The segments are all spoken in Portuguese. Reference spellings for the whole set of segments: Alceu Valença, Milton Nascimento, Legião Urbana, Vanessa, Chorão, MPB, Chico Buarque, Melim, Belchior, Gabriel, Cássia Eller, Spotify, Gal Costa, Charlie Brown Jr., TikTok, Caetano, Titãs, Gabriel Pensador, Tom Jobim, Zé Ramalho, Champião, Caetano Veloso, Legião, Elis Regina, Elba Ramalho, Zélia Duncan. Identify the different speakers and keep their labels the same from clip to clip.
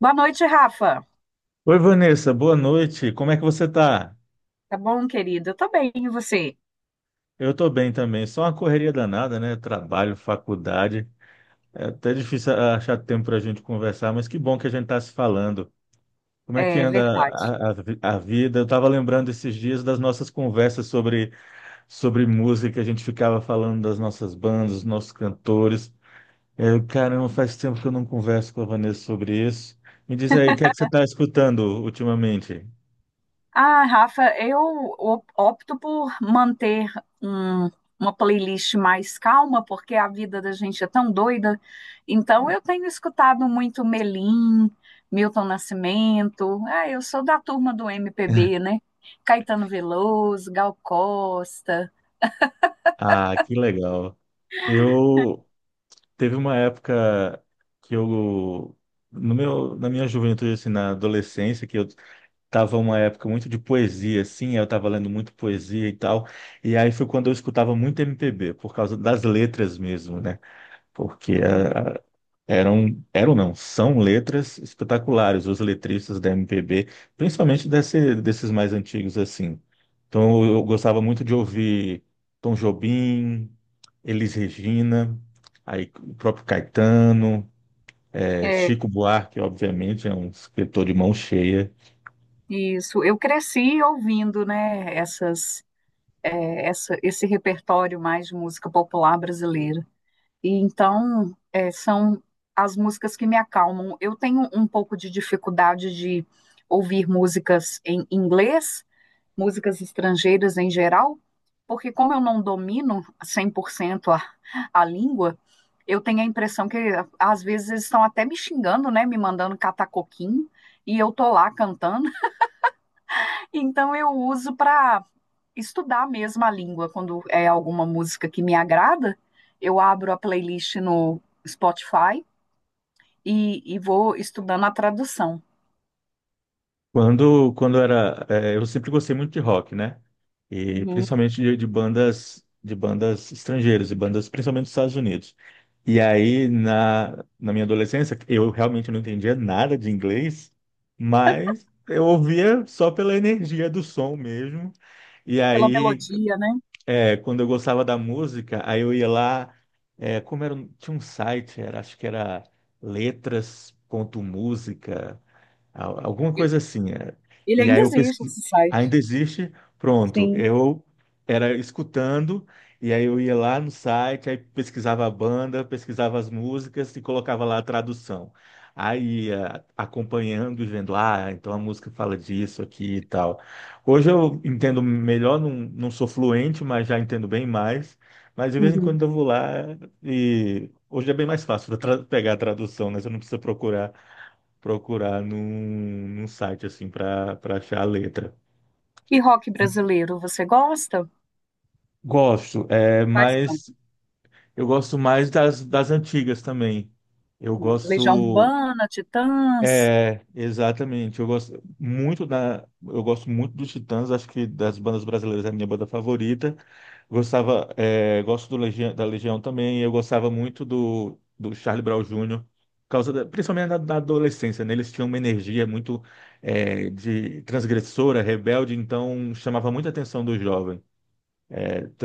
Speaker 1: Boa noite, Rafa.
Speaker 2: Oi, Vanessa, boa noite. Como é que você tá?
Speaker 1: Tá bom, querido? Eu tô bem, e você?
Speaker 2: Eu tô bem também. Só uma correria danada, né? Trabalho, faculdade. É até difícil achar tempo para a gente conversar, mas que bom que a gente tá se falando. Como é que
Speaker 1: É
Speaker 2: anda
Speaker 1: verdade.
Speaker 2: a vida? Eu tava lembrando esses dias das nossas conversas sobre música. A gente ficava falando das nossas bandas, dos nossos cantores. Eu, caramba, faz tempo que eu não converso com a Vanessa sobre isso. Me diz aí, o que é que você tá escutando ultimamente?
Speaker 1: Ah, Rafa, opto por manter um- uma playlist mais calma, porque a vida da gente é tão doida. Então, eu tenho escutado muito Melim, Milton Nascimento. Ah, eu sou da turma do MPB, né? Caetano Veloso, Gal Costa.
Speaker 2: Ah, que legal. Eu Teve uma época que eu, no meu, na minha juventude, assim, na adolescência, que eu tava uma época muito de poesia, assim, eu tava lendo muito poesia e tal, e aí foi quando eu escutava muito MPB, por causa das letras mesmo, né? Porque
Speaker 1: Uhum.
Speaker 2: eram, eram não, são letras espetaculares, os letristas da MPB, principalmente desses mais antigos assim. Então eu gostava muito de ouvir Tom Jobim, Elis Regina, aí o próprio Caetano,
Speaker 1: É,
Speaker 2: Chico Buarque, obviamente, é um escritor de mão cheia.
Speaker 1: isso. Eu cresci ouvindo, né, essas. Esse repertório mais de música popular brasileira. São as músicas que me acalmam. Eu tenho um pouco de dificuldade de ouvir músicas em inglês, músicas estrangeiras em geral, porque como eu não domino 100% a língua, eu tenho a impressão que às vezes eles estão até me xingando, né, me mandando catar coquinho, e eu tô lá cantando. Então eu uso para estudar mesmo a língua. Quando é alguma música que me agrada, eu abro a playlist no Spotify e vou estudando a tradução.
Speaker 2: Eu sempre gostei muito de rock, né? E
Speaker 1: Uhum.
Speaker 2: principalmente de bandas estrangeiras, e bandas principalmente dos Estados Unidos. E aí na minha adolescência, eu realmente não entendia nada de inglês, mas eu ouvia só pela energia do som mesmo. E
Speaker 1: Pela
Speaker 2: aí,
Speaker 1: melodia, né?
Speaker 2: quando eu gostava da música, aí eu ia lá, como era, tinha um site, era, acho que era letras ponto música. Alguma coisa assim. É.
Speaker 1: Ele
Speaker 2: E
Speaker 1: ainda
Speaker 2: aí eu
Speaker 1: existe,
Speaker 2: pesqui...
Speaker 1: esse site.
Speaker 2: ainda existe, pronto.
Speaker 1: Sim.
Speaker 2: Eu era escutando, e aí eu ia lá no site, aí pesquisava a banda, pesquisava as músicas e colocava lá a tradução. Aí ia acompanhando e vendo, ah, então a música fala disso aqui e tal. Hoje eu entendo melhor, não, não sou fluente, mas já entendo bem mais. Mas de vez em
Speaker 1: Uhum.
Speaker 2: quando eu vou lá e hoje é bem mais fácil pegar a tradução, né? Você não precisa procurar num site assim para achar a letra.
Speaker 1: E rock brasileiro, você gosta?
Speaker 2: Gosto, é,
Speaker 1: Faz bom.
Speaker 2: mas eu gosto mais das antigas também. Eu
Speaker 1: Legião
Speaker 2: gosto.
Speaker 1: Urbana, Titãs.
Speaker 2: É, exatamente. Eu gosto muito dos Titãs, acho que das bandas brasileiras é a minha banda favorita. Gostava, é, gosto do Legião, da Legião também. Eu gostava muito do Charlie Brown Jr. por principalmente na adolescência, né? Eles tinham uma energia muito de transgressora, rebelde, então chamava muita atenção dos jovens.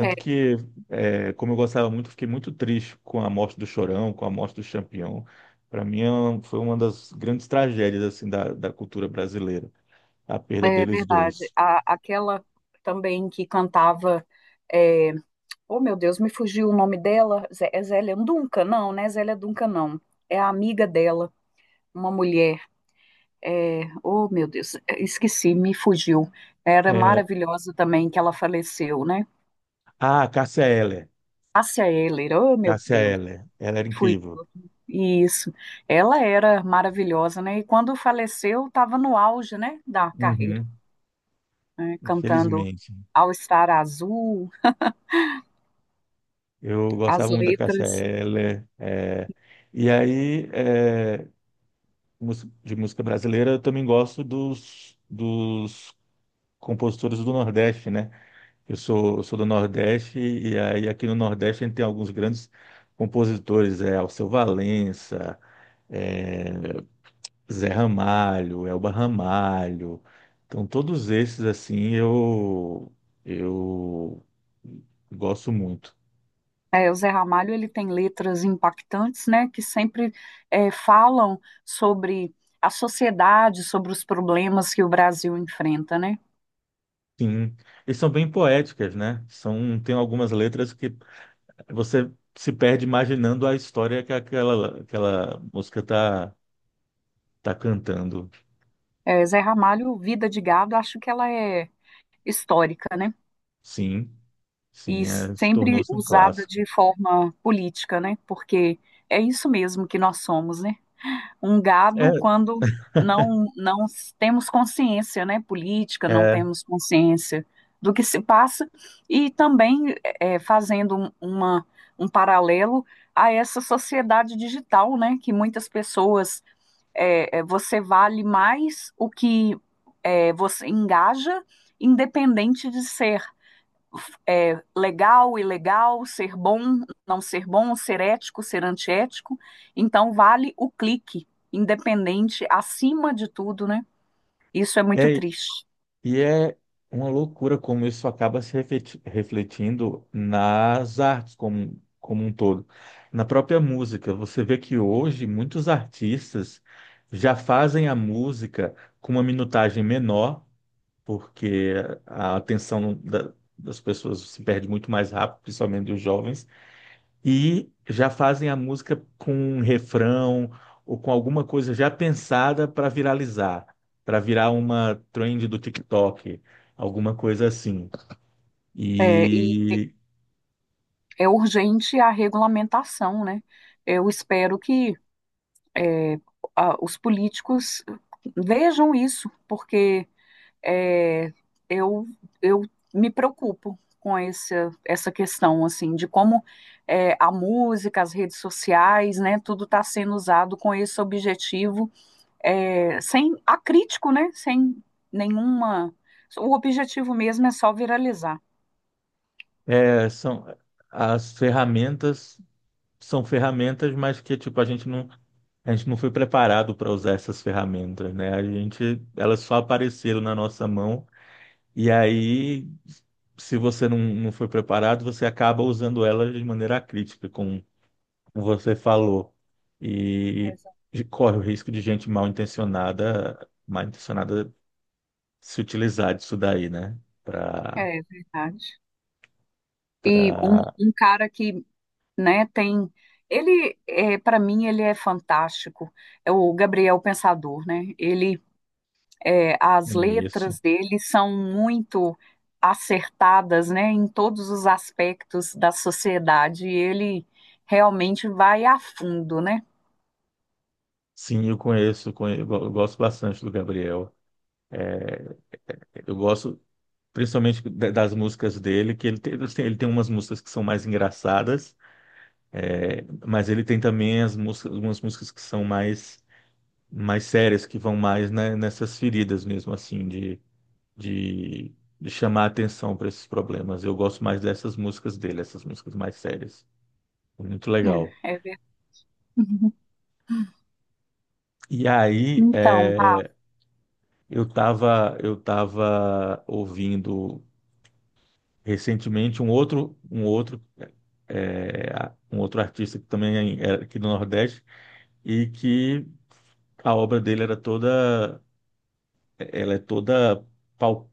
Speaker 1: É,
Speaker 2: que, como eu gostava muito, fiquei muito triste com a morte do Chorão, com a morte do Champião. Para mim, foi uma das grandes tragédias assim da cultura brasileira, a perda
Speaker 1: é
Speaker 2: deles
Speaker 1: verdade.
Speaker 2: dois.
Speaker 1: Aquela também que cantava é, oh, meu Deus, me fugiu o nome dela. É Zélia Duncan? Não, né? Zélia Duncan, não. É a amiga dela, uma mulher. É... Oh, meu Deus, esqueci, me fugiu. Era
Speaker 2: É,
Speaker 1: maravilhosa também que ela faleceu, né?
Speaker 2: ah, Cássia Eller.
Speaker 1: Cássia Eller, oh, meu
Speaker 2: Cássia
Speaker 1: Deus,
Speaker 2: Eller. Ela era
Speaker 1: fui.
Speaker 2: incrível.
Speaker 1: Isso. Ela era maravilhosa, né? E quando faleceu, estava no auge, né, da carreira,
Speaker 2: Uhum,
Speaker 1: né? Cantando
Speaker 2: infelizmente.
Speaker 1: All Star Azul,
Speaker 2: Eu
Speaker 1: as
Speaker 2: gostava muito da Cássia
Speaker 1: letras.
Speaker 2: Eller. E aí, é, de música brasileira, eu também gosto dos compositores do Nordeste, né? Eu sou do Nordeste e aí aqui no Nordeste a gente tem alguns grandes compositores, é Alceu Valença, é Zé Ramalho, Elba Ramalho. Então todos esses assim eu gosto muito.
Speaker 1: É, o Zé Ramalho ele tem letras impactantes, né, que sempre falam sobre a sociedade, sobre os problemas que o Brasil enfrenta, né?
Speaker 2: Sim, e são bem poéticas, né? São tem algumas letras que você se perde imaginando a história que aquela música tá cantando.
Speaker 1: É, Zé Ramalho, Vida de Gado, acho que ela é histórica, né?
Speaker 2: Sim, sim,
Speaker 1: E
Speaker 2: é, se
Speaker 1: sempre
Speaker 2: tornou-se um
Speaker 1: usada
Speaker 2: clássico.
Speaker 1: de forma política, né? Porque é isso mesmo que nós somos, né? Um gado
Speaker 2: É,
Speaker 1: quando não temos consciência, né, política, não
Speaker 2: é,
Speaker 1: temos consciência do que se passa, e também fazendo um paralelo a essa sociedade digital, né, que muitas pessoas você vale mais o que você engaja, independente de ser legal, ilegal, ser bom, não ser bom, ser ético, ser antiético. Então, vale o clique, independente, acima de tudo, né? Isso é muito
Speaker 2: é,
Speaker 1: triste.
Speaker 2: e é uma loucura como isso acaba se refleti- refletindo nas artes como um todo, na própria música. Você vê que hoje muitos artistas já fazem a música com uma minutagem menor, porque a atenção das pessoas se perde muito mais rápido, principalmente dos jovens e já fazem a música com um refrão ou com alguma coisa já pensada para viralizar, para virar uma trend do TikTok, alguma coisa assim.
Speaker 1: É, e
Speaker 2: E
Speaker 1: é urgente a regulamentação, né? Eu espero que é, os políticos vejam isso, porque é, eu, eu me preocupo com essa questão, assim, de como a música, as redes sociais, né, tudo está sendo usado com esse objetivo, é, sem acrítico, né, sem nenhuma... O objetivo mesmo é só viralizar.
Speaker 2: são as ferramentas são ferramentas, mas que tipo a gente não foi preparado para usar essas ferramentas, né? A gente elas só apareceram na nossa mão e aí se você não foi preparado, você acaba usando elas de maneira crítica, com como você falou, e,
Speaker 1: Exato.
Speaker 2: e corre o risco de gente mal intencionada se utilizar disso daí, né? Para
Speaker 1: É verdade. E
Speaker 2: para
Speaker 1: um cara que, né, tem... Ele, é, para mim, ele é fantástico. É o Gabriel Pensador, né? Ele é, as
Speaker 2: isso.
Speaker 1: letras dele são muito acertadas, né, em todos os aspectos da sociedade, e ele realmente vai a fundo, né?
Speaker 2: Sim, eu conheço, eu gosto bastante do Gabriel. Eu gosto principalmente das músicas dele, que ele tem umas músicas que são mais engraçadas, mas ele tem também algumas músicas que são mais sérias, que vão mais, né, nessas feridas mesmo, assim, de, de chamar a atenção para esses problemas. Eu gosto mais dessas músicas dele, essas músicas mais sérias. É muito legal.
Speaker 1: É verdade.
Speaker 2: E aí,
Speaker 1: Então, Rafa,
Speaker 2: é, eu tava ouvindo recentemente um outro artista que também é aqui do Nordeste e que a obra dele ela é toda pau-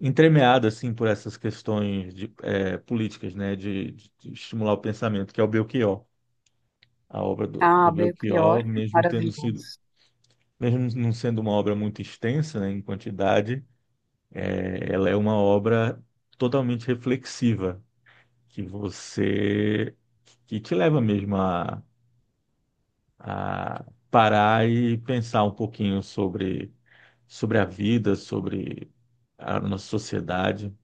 Speaker 2: entremeada assim por essas questões de políticas, né, de estimular o pensamento, que é o Belchior. A obra
Speaker 1: ah,
Speaker 2: do
Speaker 1: Belchior,
Speaker 2: Belchior,
Speaker 1: maravilhoso.
Speaker 2: mesmo não sendo uma obra muito extensa, né, em quantidade, ela é uma obra totalmente reflexiva, que você, que te leva mesmo a parar e pensar um pouquinho sobre a vida, sobre a nossa sociedade.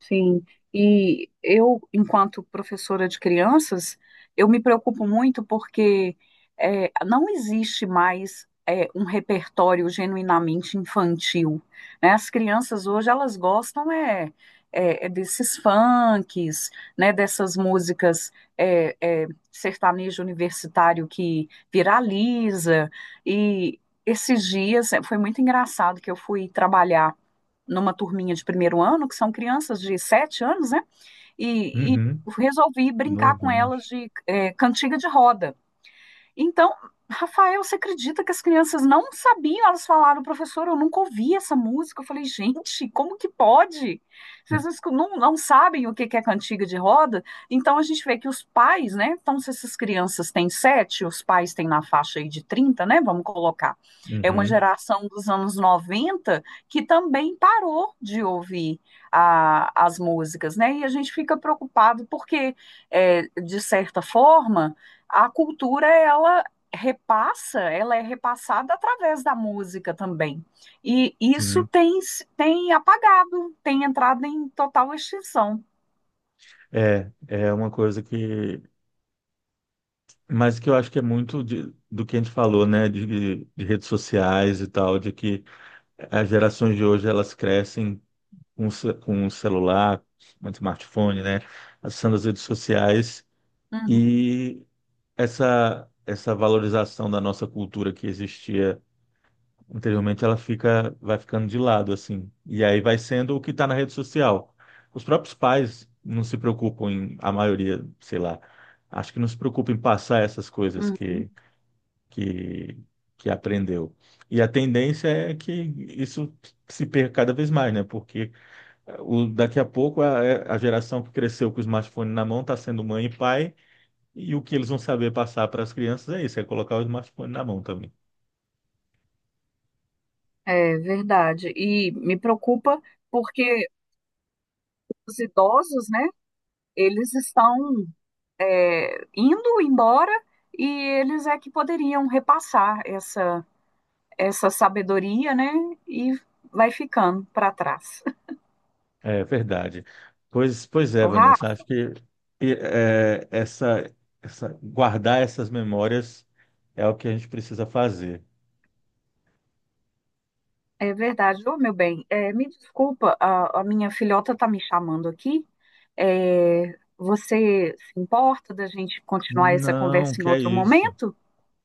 Speaker 1: Sim, e eu, enquanto professora de crianças, eu me preocupo muito porque é não existe mais é um repertório genuinamente infantil, né? As crianças hoje, elas gostam é desses funks, né? Dessas músicas é é sertanejo universitário que viraliza, e esses dias foi muito engraçado que eu fui trabalhar numa turminha de primeiro ano, que são crianças de 7 anos, né? E
Speaker 2: Uhum,
Speaker 1: resolvi brincar com
Speaker 2: novinhos.
Speaker 1: elas de é, cantiga de roda. Então, Rafael, você acredita que as crianças não sabiam? Elas falaram, professor, eu nunca ouvi essa música. Eu falei, gente, como que pode? Vocês não sabem o que que é cantiga de roda? Então a gente vê que os pais, né? Então, se essas crianças têm sete, os pais têm na faixa aí de 30, né? Vamos colocar. É uma
Speaker 2: Uhum,
Speaker 1: geração dos anos 90 que também parou de ouvir as músicas, né? E a gente fica preocupado porque, é, de certa forma a cultura ela repassa, ela é repassada através da música também. E isso
Speaker 2: sim.
Speaker 1: tem, tem apagado, tem entrado em total extinção.
Speaker 2: É, é uma coisa que mas que eu acho que é muito do que a gente falou, né, de redes sociais e tal, de que as gerações de hoje elas crescem com, com um celular, um smartphone, né, acessando as redes sociais
Speaker 1: Uhum,
Speaker 2: e essa essa valorização da nossa cultura que existia anteriormente, ela fica vai ficando de lado assim. E aí vai sendo o que está na rede social. Os próprios pais não se preocupam em, a maioria, sei lá, acho que não se preocupa em passar essas coisas
Speaker 1: uhum.
Speaker 2: que, que aprendeu. E a tendência é que isso se perca cada vez mais, né? Porque daqui a pouco a geração que cresceu com o smartphone na mão está sendo mãe e pai, e o que eles vão saber passar para as crianças é isso, é colocar o smartphone na mão também.
Speaker 1: É verdade. E me preocupa porque os idosos, né, eles estão é, indo embora e eles é que poderiam repassar essa sabedoria, né, e vai ficando para trás.
Speaker 2: É verdade. Pois é,
Speaker 1: O
Speaker 2: Vanessa, acho que e, é, essa, guardar essas memórias é o que a gente precisa fazer.
Speaker 1: é verdade. Ô, meu bem, é, me desculpa, a minha filhota está me chamando aqui. É, você se importa da gente continuar essa
Speaker 2: Não,
Speaker 1: conversa em
Speaker 2: que é
Speaker 1: outro
Speaker 2: isso.
Speaker 1: momento?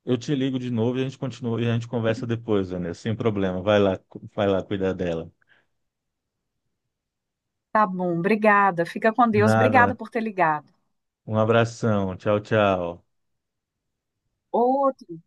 Speaker 2: Eu te ligo de novo e a gente continua e a gente conversa depois, Vanessa, sem problema. Vai lá, vai lá cuidar dela.
Speaker 1: Tá bom, obrigada. Fica com Deus. Obrigada
Speaker 2: Nada.
Speaker 1: por ter ligado.
Speaker 2: Um abração. Tchau, tchau.
Speaker 1: Outro.